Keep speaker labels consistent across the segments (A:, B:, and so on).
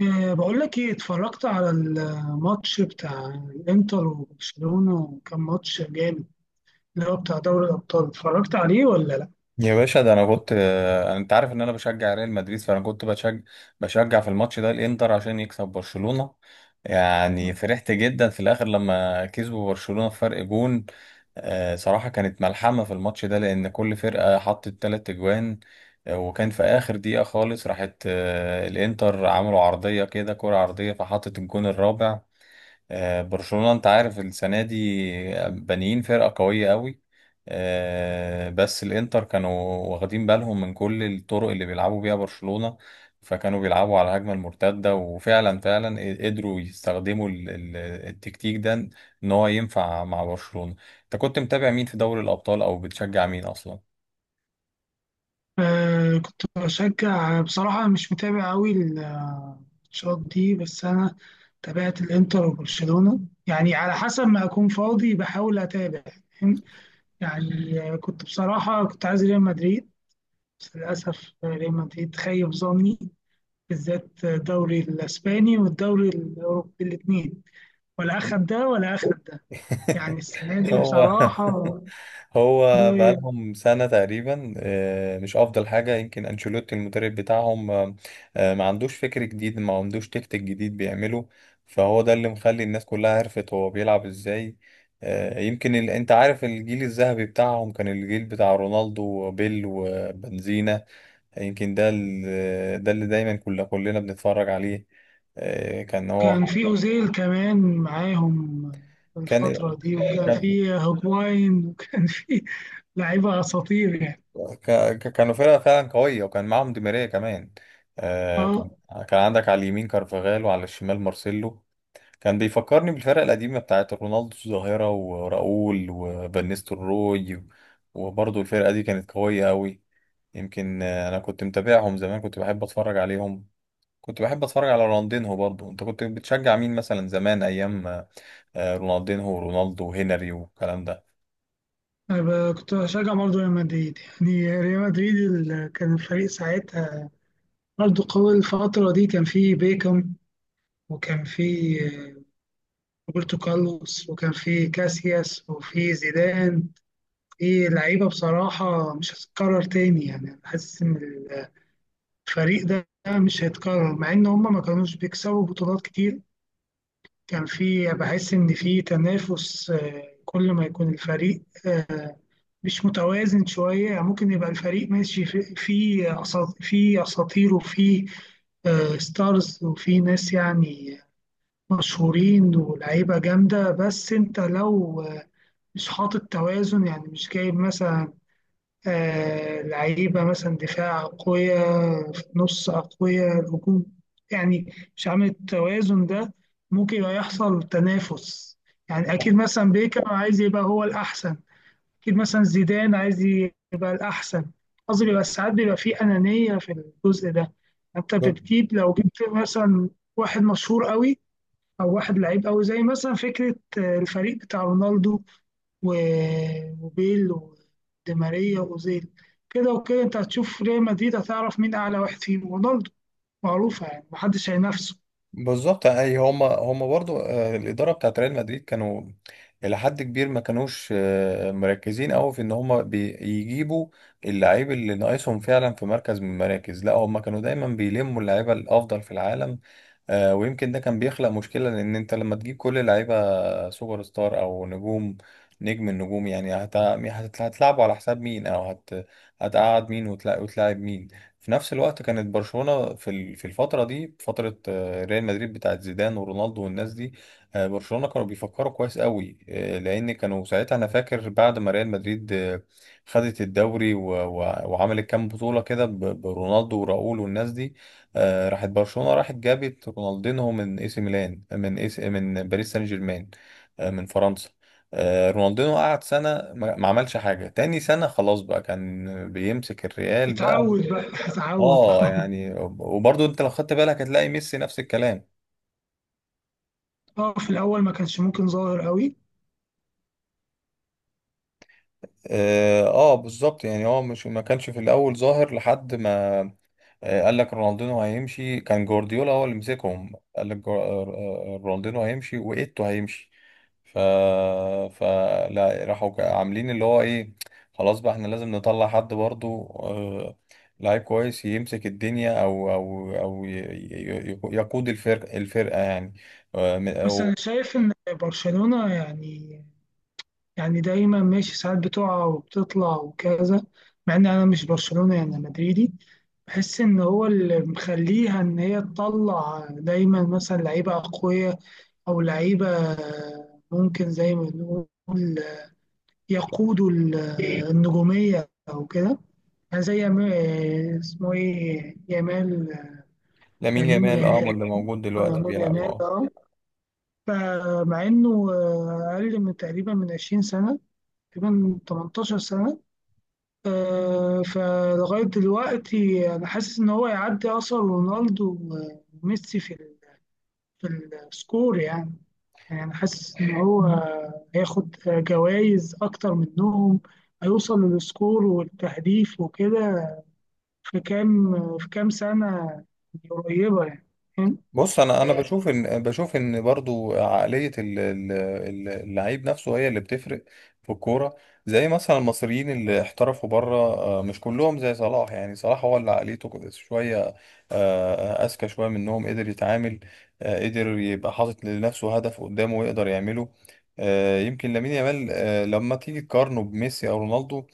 A: إيه، بقول لك ايه، اتفرجت على الماتش بتاع الانتر وبرشلونة وكان ماتش جامد. اللي هو بتاع دوري الابطال، اتفرجت عليه ولا لا؟
B: يا باشا، ده انا كنت انت عارف ان انا بشجع ريال مدريد، فانا كنت بشجع في الماتش ده الانتر عشان يكسب برشلونة. يعني فرحت جدا في الاخر لما كسبوا برشلونة فرق جون. صراحة كانت ملحمة في الماتش ده، لان كل فرقة حطت 3 اجوان. وكان في اخر دقيقة خالص راحت، الانتر عملوا عرضية كده، كرة عرضية، فحطت الجون الرابع. برشلونة، انت عارف السنة دي بانيين فرقة قوية قوي. بس الانتر كانوا واخدين بالهم من كل الطرق اللي بيلعبوا بيها برشلونة. فكانوا بيلعبوا على الهجمة المرتدة، وفعلا قدروا يستخدموا التكتيك ده، ان هو ينفع مع برشلونة. انت كنت متابع مين في دوري الابطال، او بتشجع مين اصلا؟
A: آه كنت بشجع. بصراحة مش متابع قوي الماتشات دي، بس انا تابعت الانتر وبرشلونة. يعني على حسب ما اكون فاضي بحاول اتابع. فاهم؟ يعني كنت بصراحة كنت عايز ريال مدريد، بس للأسف ريال مدريد خيب ظني، بالذات الدوري الاسباني والدوري الاوروبي الاثنين، ولا اخد ده ولا اخد ده. يعني السنه دي
B: هو
A: بصراحه،
B: هو بقالهم سنة تقريبا، مش أفضل حاجة. يمكن أنشيلوتي المدرب بتاعهم، ما عندوش فكر جديد، ما عندوش تكتيك جديد بيعمله. فهو ده اللي مخلي الناس كلها عرفت هو بيلعب إزاي. يمكن أنت عارف الجيل الذهبي بتاعهم كان الجيل بتاع رونالدو وبيل وبنزينا. يمكن ده اللي دايما كلنا بنتفرج عليه. كان
A: كان
B: هو.
A: في اوزيل كمان معاهم في
B: كان
A: الفتره دي، وكان
B: كان
A: في هوجواين وكان في لعيبه اساطير يعني.
B: ك... كانوا فرقة فعلا قوية، وكان معاهم دي ماريا كمان. آه كان
A: اه،
B: كان عندك على اليمين كارفاغال، وعلى الشمال مارسيلو. كان بيفكرني بالفرقة القديمة بتاعت رونالدو الظاهرة وراؤول وفانيستو روي. وبرضه الفرقة دي كانت قوية أوي. يمكن، أنا كنت متابعهم زمان، كنت بحب أتفرج عليهم. كنت بحب أتفرج على رونالدينهو برضه. أنت كنت بتشجع مين مثلا، زمان أيام رونالدينهو ورونالدو وهنري والكلام
A: أنا كنت بشجع برضه ريال مدريد. يعني ريال مدريد كان الفريق ساعتها برضه قوي. الفترة دي كان فيه بيكم، وكان فيه روبرتو كارلوس، وكان في كاسياس وفي زيدان. في لعيبة بصراحة مش هتتكرر تاني يعني. أنا حاسس إن الفريق ده مش هيتكرر، مع إن هما ما كانوش بيكسبوا بطولات كتير. كان في، بحس إن في تنافس. كل ما يكون الفريق مش متوازن شوية، يعني ممكن يبقى الفريق ماشي في في أساطير وفي ستارز وفي ناس يعني مشهورين ولعيبة جامدة. بس أنت لو مش حاطط توازن، يعني مش جايب مثلا آه لعيبة مثلا دفاع قوية، في النص قوية، الهجوم، يعني مش عامل التوازن ده، ممكن يبقى يحصل تنافس. يعني أكيد مثلا بيكر عايز يبقى هو الأحسن، أكيد مثلا زيدان عايز يبقى الأحسن. قصدي بيبقى ساعات بيبقى فيه أنانية في الجزء ده. أنت
B: ده؟
A: بتجيب، لو جبت مثلا واحد مشهور قوي او واحد لعيب قوي، زي مثلا فكره الفريق بتاع رونالدو وبيل ودي ماريا واوزيل، كده وكده انت هتشوف ريال مدريد، هتعرف مين اعلى واحد فيهم. رونالدو معروفه يعني، محدش هينافسه.
B: بالظبط. اي، هم برضو، الاداره بتاعت ريال مدريد كانوا الى حد كبير ما كانوش مركزين قوي في ان هم بيجيبوا اللعيب اللي ناقصهم فعلا في مركز من المراكز. لا، هم كانوا دايما بيلموا اللعيبه الافضل في العالم. ويمكن ده كان بيخلق مشكلة، لأن أنت لما تجيب كل لعيبة سوبر ستار أو نجوم نجم النجوم، يعني هتلعبوا على حساب مين، أو هتقعد مين وتلاعب مين؟ في نفس الوقت كانت برشلونة في الفترة دي، فترة ريال مدريد بتاعت زيدان ورونالدو والناس دي، برشلونة كانوا بيفكروا كويس قوي، لأن كانوا ساعتها. أنا فاكر بعد ما ريال مدريد خدت الدوري وعملت كام بطولة كده برونالدو وراؤول والناس دي، راحت برشلونة، راحت جابت رونالدينو من اي سي ميلان، من اي سي، من باريس سان جيرمان، من فرنسا. رونالدينو قعد سنة ما عملش حاجة. تاني سنة خلاص بقى، كان بيمسك الريال بقى.
A: اتعود بقى اتعود
B: اه،
A: اه.
B: يعني وبرضه انت لو خدت بالك هتلاقي ميسي نفس الكلام.
A: اه، في الاول ما كانش ممكن ظاهر قوي.
B: اه، بالظبط. يعني هو مش ما كانش في الاول ظاهر، لحد ما قال لك رونالدينو هيمشي. كان جوارديولا هو اللي مسكهم، قال لك رونالدينو هيمشي وإيتو هيمشي. ف فلا، راحوا عاملين اللي هو ايه، خلاص بقى احنا لازم نطلع حد برضو، لعيب كويس يمسك الدنيا، او يقود الفرقة يعني،
A: بس انا
B: أو.
A: شايف ان برشلونه يعني، يعني دايما ماشي، ساعات بتقع وبتطلع وكذا. مع ان انا مش برشلونه، يعني أنا مدريدي. بحس ان هو اللي مخليها ان هي تطلع دايما مثلا لعيبه اقوياء او لعيبه ممكن، زي ما بنقول، يقودوا النجوميه او كده. يعني زي اسمه ايه، يامال،
B: لامين
A: يمين
B: يامال، اه، هو
A: يامال.
B: اللي موجود دلوقتي
A: يامال
B: بيلعب،
A: يامال
B: اه.
A: اه. فمع انه اقل من تقريبا من 20 سنه، تقريبا 18 سنه. فلغايه دلوقتي انا حاسس ان هو يعدي اصلا رونالدو وميسي في في السكور يعني. يعني أنا حاسس إن هو هياخد جوائز أكتر منهم، هيوصل للسكور والتهديف وكده في كام، في كام سنة قريبة يعني. فاهم؟
B: بص، انا بشوف ان برضو عقليه اللعيب نفسه هي اللي بتفرق في الكوره. زي مثلا المصريين اللي احترفوا بره، مش كلهم زي صلاح. يعني صلاح هو اللي عقليته شويه، اذكى شويه منهم، قدر يتعامل، قدر يبقى حاطط لنفسه هدف قدامه ويقدر يعمله. يمكن لامين يامال لما تيجي تقارنه بميسي او رونالدو،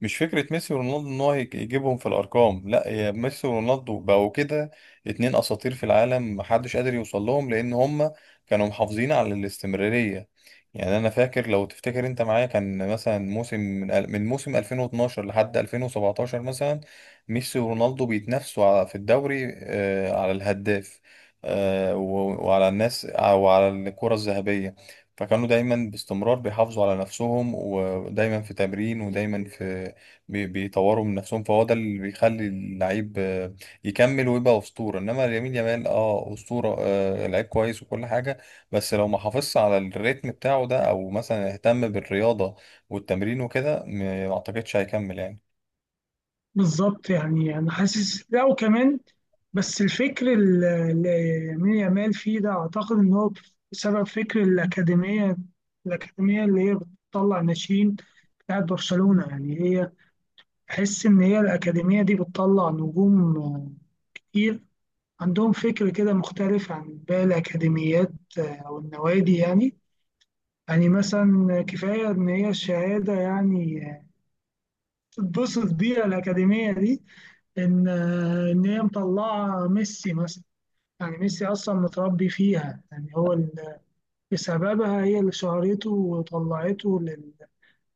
B: مش فكرة ميسي ورونالدو ان هو يجيبهم في الارقام. لا، يا ميسي ورونالدو بقوا كده اتنين اساطير في العالم، محدش قادر يوصل لهم، لان هم كانوا محافظين على الاستمرارية. يعني انا فاكر، لو تفتكر انت معايا، كان مثلا موسم من موسم 2012 لحد 2017 مثلا، ميسي ورونالدو بيتنافسوا في الدوري، على الهداف، وعلى الناس وعلى الكرة الذهبية. فكانوا دايما باستمرار بيحافظوا على نفسهم، ودايما في تمرين، ودايما في بيطوروا من نفسهم. فهو ده اللي بيخلي اللعيب يكمل ويبقى أسطورة. إنما يمين يامال، أه، أسطورة، لعيب كويس وكل حاجة، بس لو ما حافظش على الريتم بتاعه ده، أو مثلا اهتم بالرياضة والتمرين وكده، ما أعتقدش هيكمل يعني.
A: بالظبط. يعني أنا حاسس، لا وكمان، بس الفكر اللي يمين يامال فيه ده، أعتقد إن هو بسبب فكر الأكاديمية. الأكاديمية اللي هي بتطلع ناشئين، بتاعت برشلونة يعني، هي تحس إن هي الأكاديمية دي بتطلع نجوم كتير. عندهم فكر كده مختلف عن باقي الأكاديميات أو النوادي يعني. يعني مثلا كفاية إن هي الشهادة يعني تتبسط بيها الأكاديمية دي، إن إن هي مطلعة ميسي مثلا. يعني ميسي أصلا متربي فيها، يعني هو بسببها هي اللي شهرته وطلعته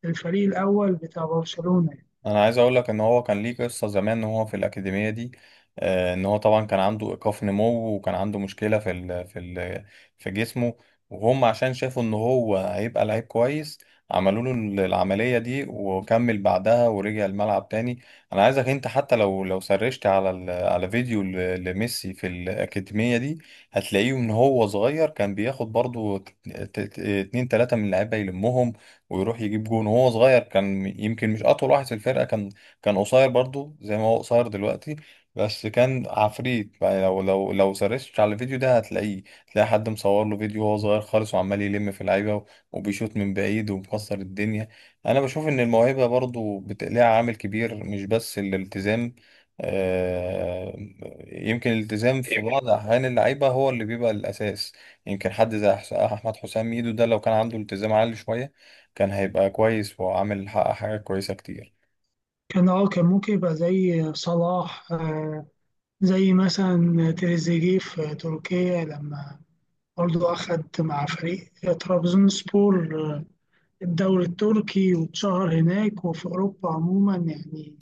A: للفريق الأول بتاع برشلونة يعني.
B: انا عايز اقول لك ان هو كان ليه قصه زمان وهو في الاكاديميه دي، ان هو طبعا كان عنده ايقاف نمو، وكان عنده مشكله في ال في ال في جسمه. وهم عشان شافوا ان هو هيبقى لعيب كويس، عملوا له العمليه دي، وكمل بعدها ورجع الملعب تاني. انا عايزك انت، حتى لو سرشت على على فيديو لميسي في الاكاديميه دي، هتلاقيه ان هو صغير كان بياخد برضو 2 3 من اللعيبه، يلمهم ويروح يجيب جون. وهو صغير كان، يمكن مش اطول واحد في الفرقه، كان قصير برضو زي ما هو قصير دلوقتي. بس كان عفريت. يعني لو سرشت على الفيديو ده هتلاقيه، تلاقي حد مصور له فيديو وهو صغير خالص، وعمال يلم في لعيبه، وبيشوط من بعيد ومكسر الدنيا. انا بشوف ان الموهبه برضو ليها عامل كبير، مش بس الالتزام. آه، يمكن الالتزام في بعض احيان اللعيبه هو اللي بيبقى الاساس. يمكن حد زي احمد حسام ميدو ده، لو كان عنده التزام عالي شويه، كان هيبقى كويس وعامل، حقق حاجات كويسة كتير.
A: كان اه، كان ممكن يبقى زي صلاح، زي مثلا تريزيجيه في تركيا، لما برضه أخد مع فريق ترابزونسبور الدوري التركي، واتشهر هناك وفي أوروبا عموما يعني.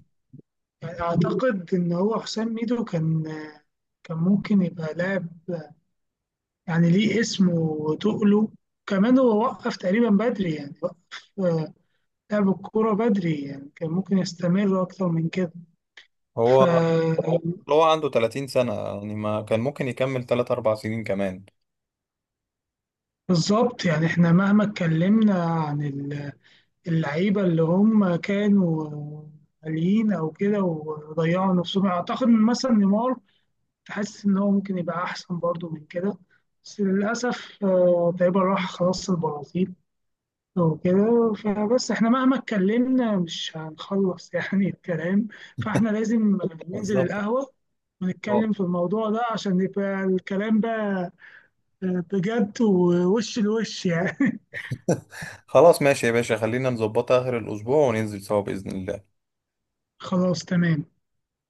A: يعني أعتقد إن هو حسام ميدو كان كان ممكن يبقى لاعب يعني ليه اسمه وتقله. كمان هو وقف تقريبا بدري يعني، وقف لعب الكورة بدري يعني، كان ممكن يستمر أكتر من كده.
B: هو
A: فبالظبط.
B: هو عنده 30 سنة، يعني ما كان ممكن يكمل 3 4 سنين كمان.
A: يعني إحنا مهما اتكلمنا عن ال اللعيبة اللي هم كانوا عاليين أو كده وضيعوا نفسهم، أعتقد إن مثلا نيمار تحس إن هو ممكن يبقى أحسن برضو من كده، بس للأسف تقريبا راح خلاص البرازيل وكده. فبس احنا مهما اتكلمنا مش هنخلص يعني الكلام. فاحنا لازم ننزل
B: بالظبط.
A: القهوة
B: اه،
A: ونتكلم في الموضوع ده، عشان يبقى الكلام بقى بجد ووش لوش يعني.
B: خلاص ماشي يا باشا، خلينا نظبطها آخر الأسبوع وننزل سوا بإذن الله.
A: خلاص تمام.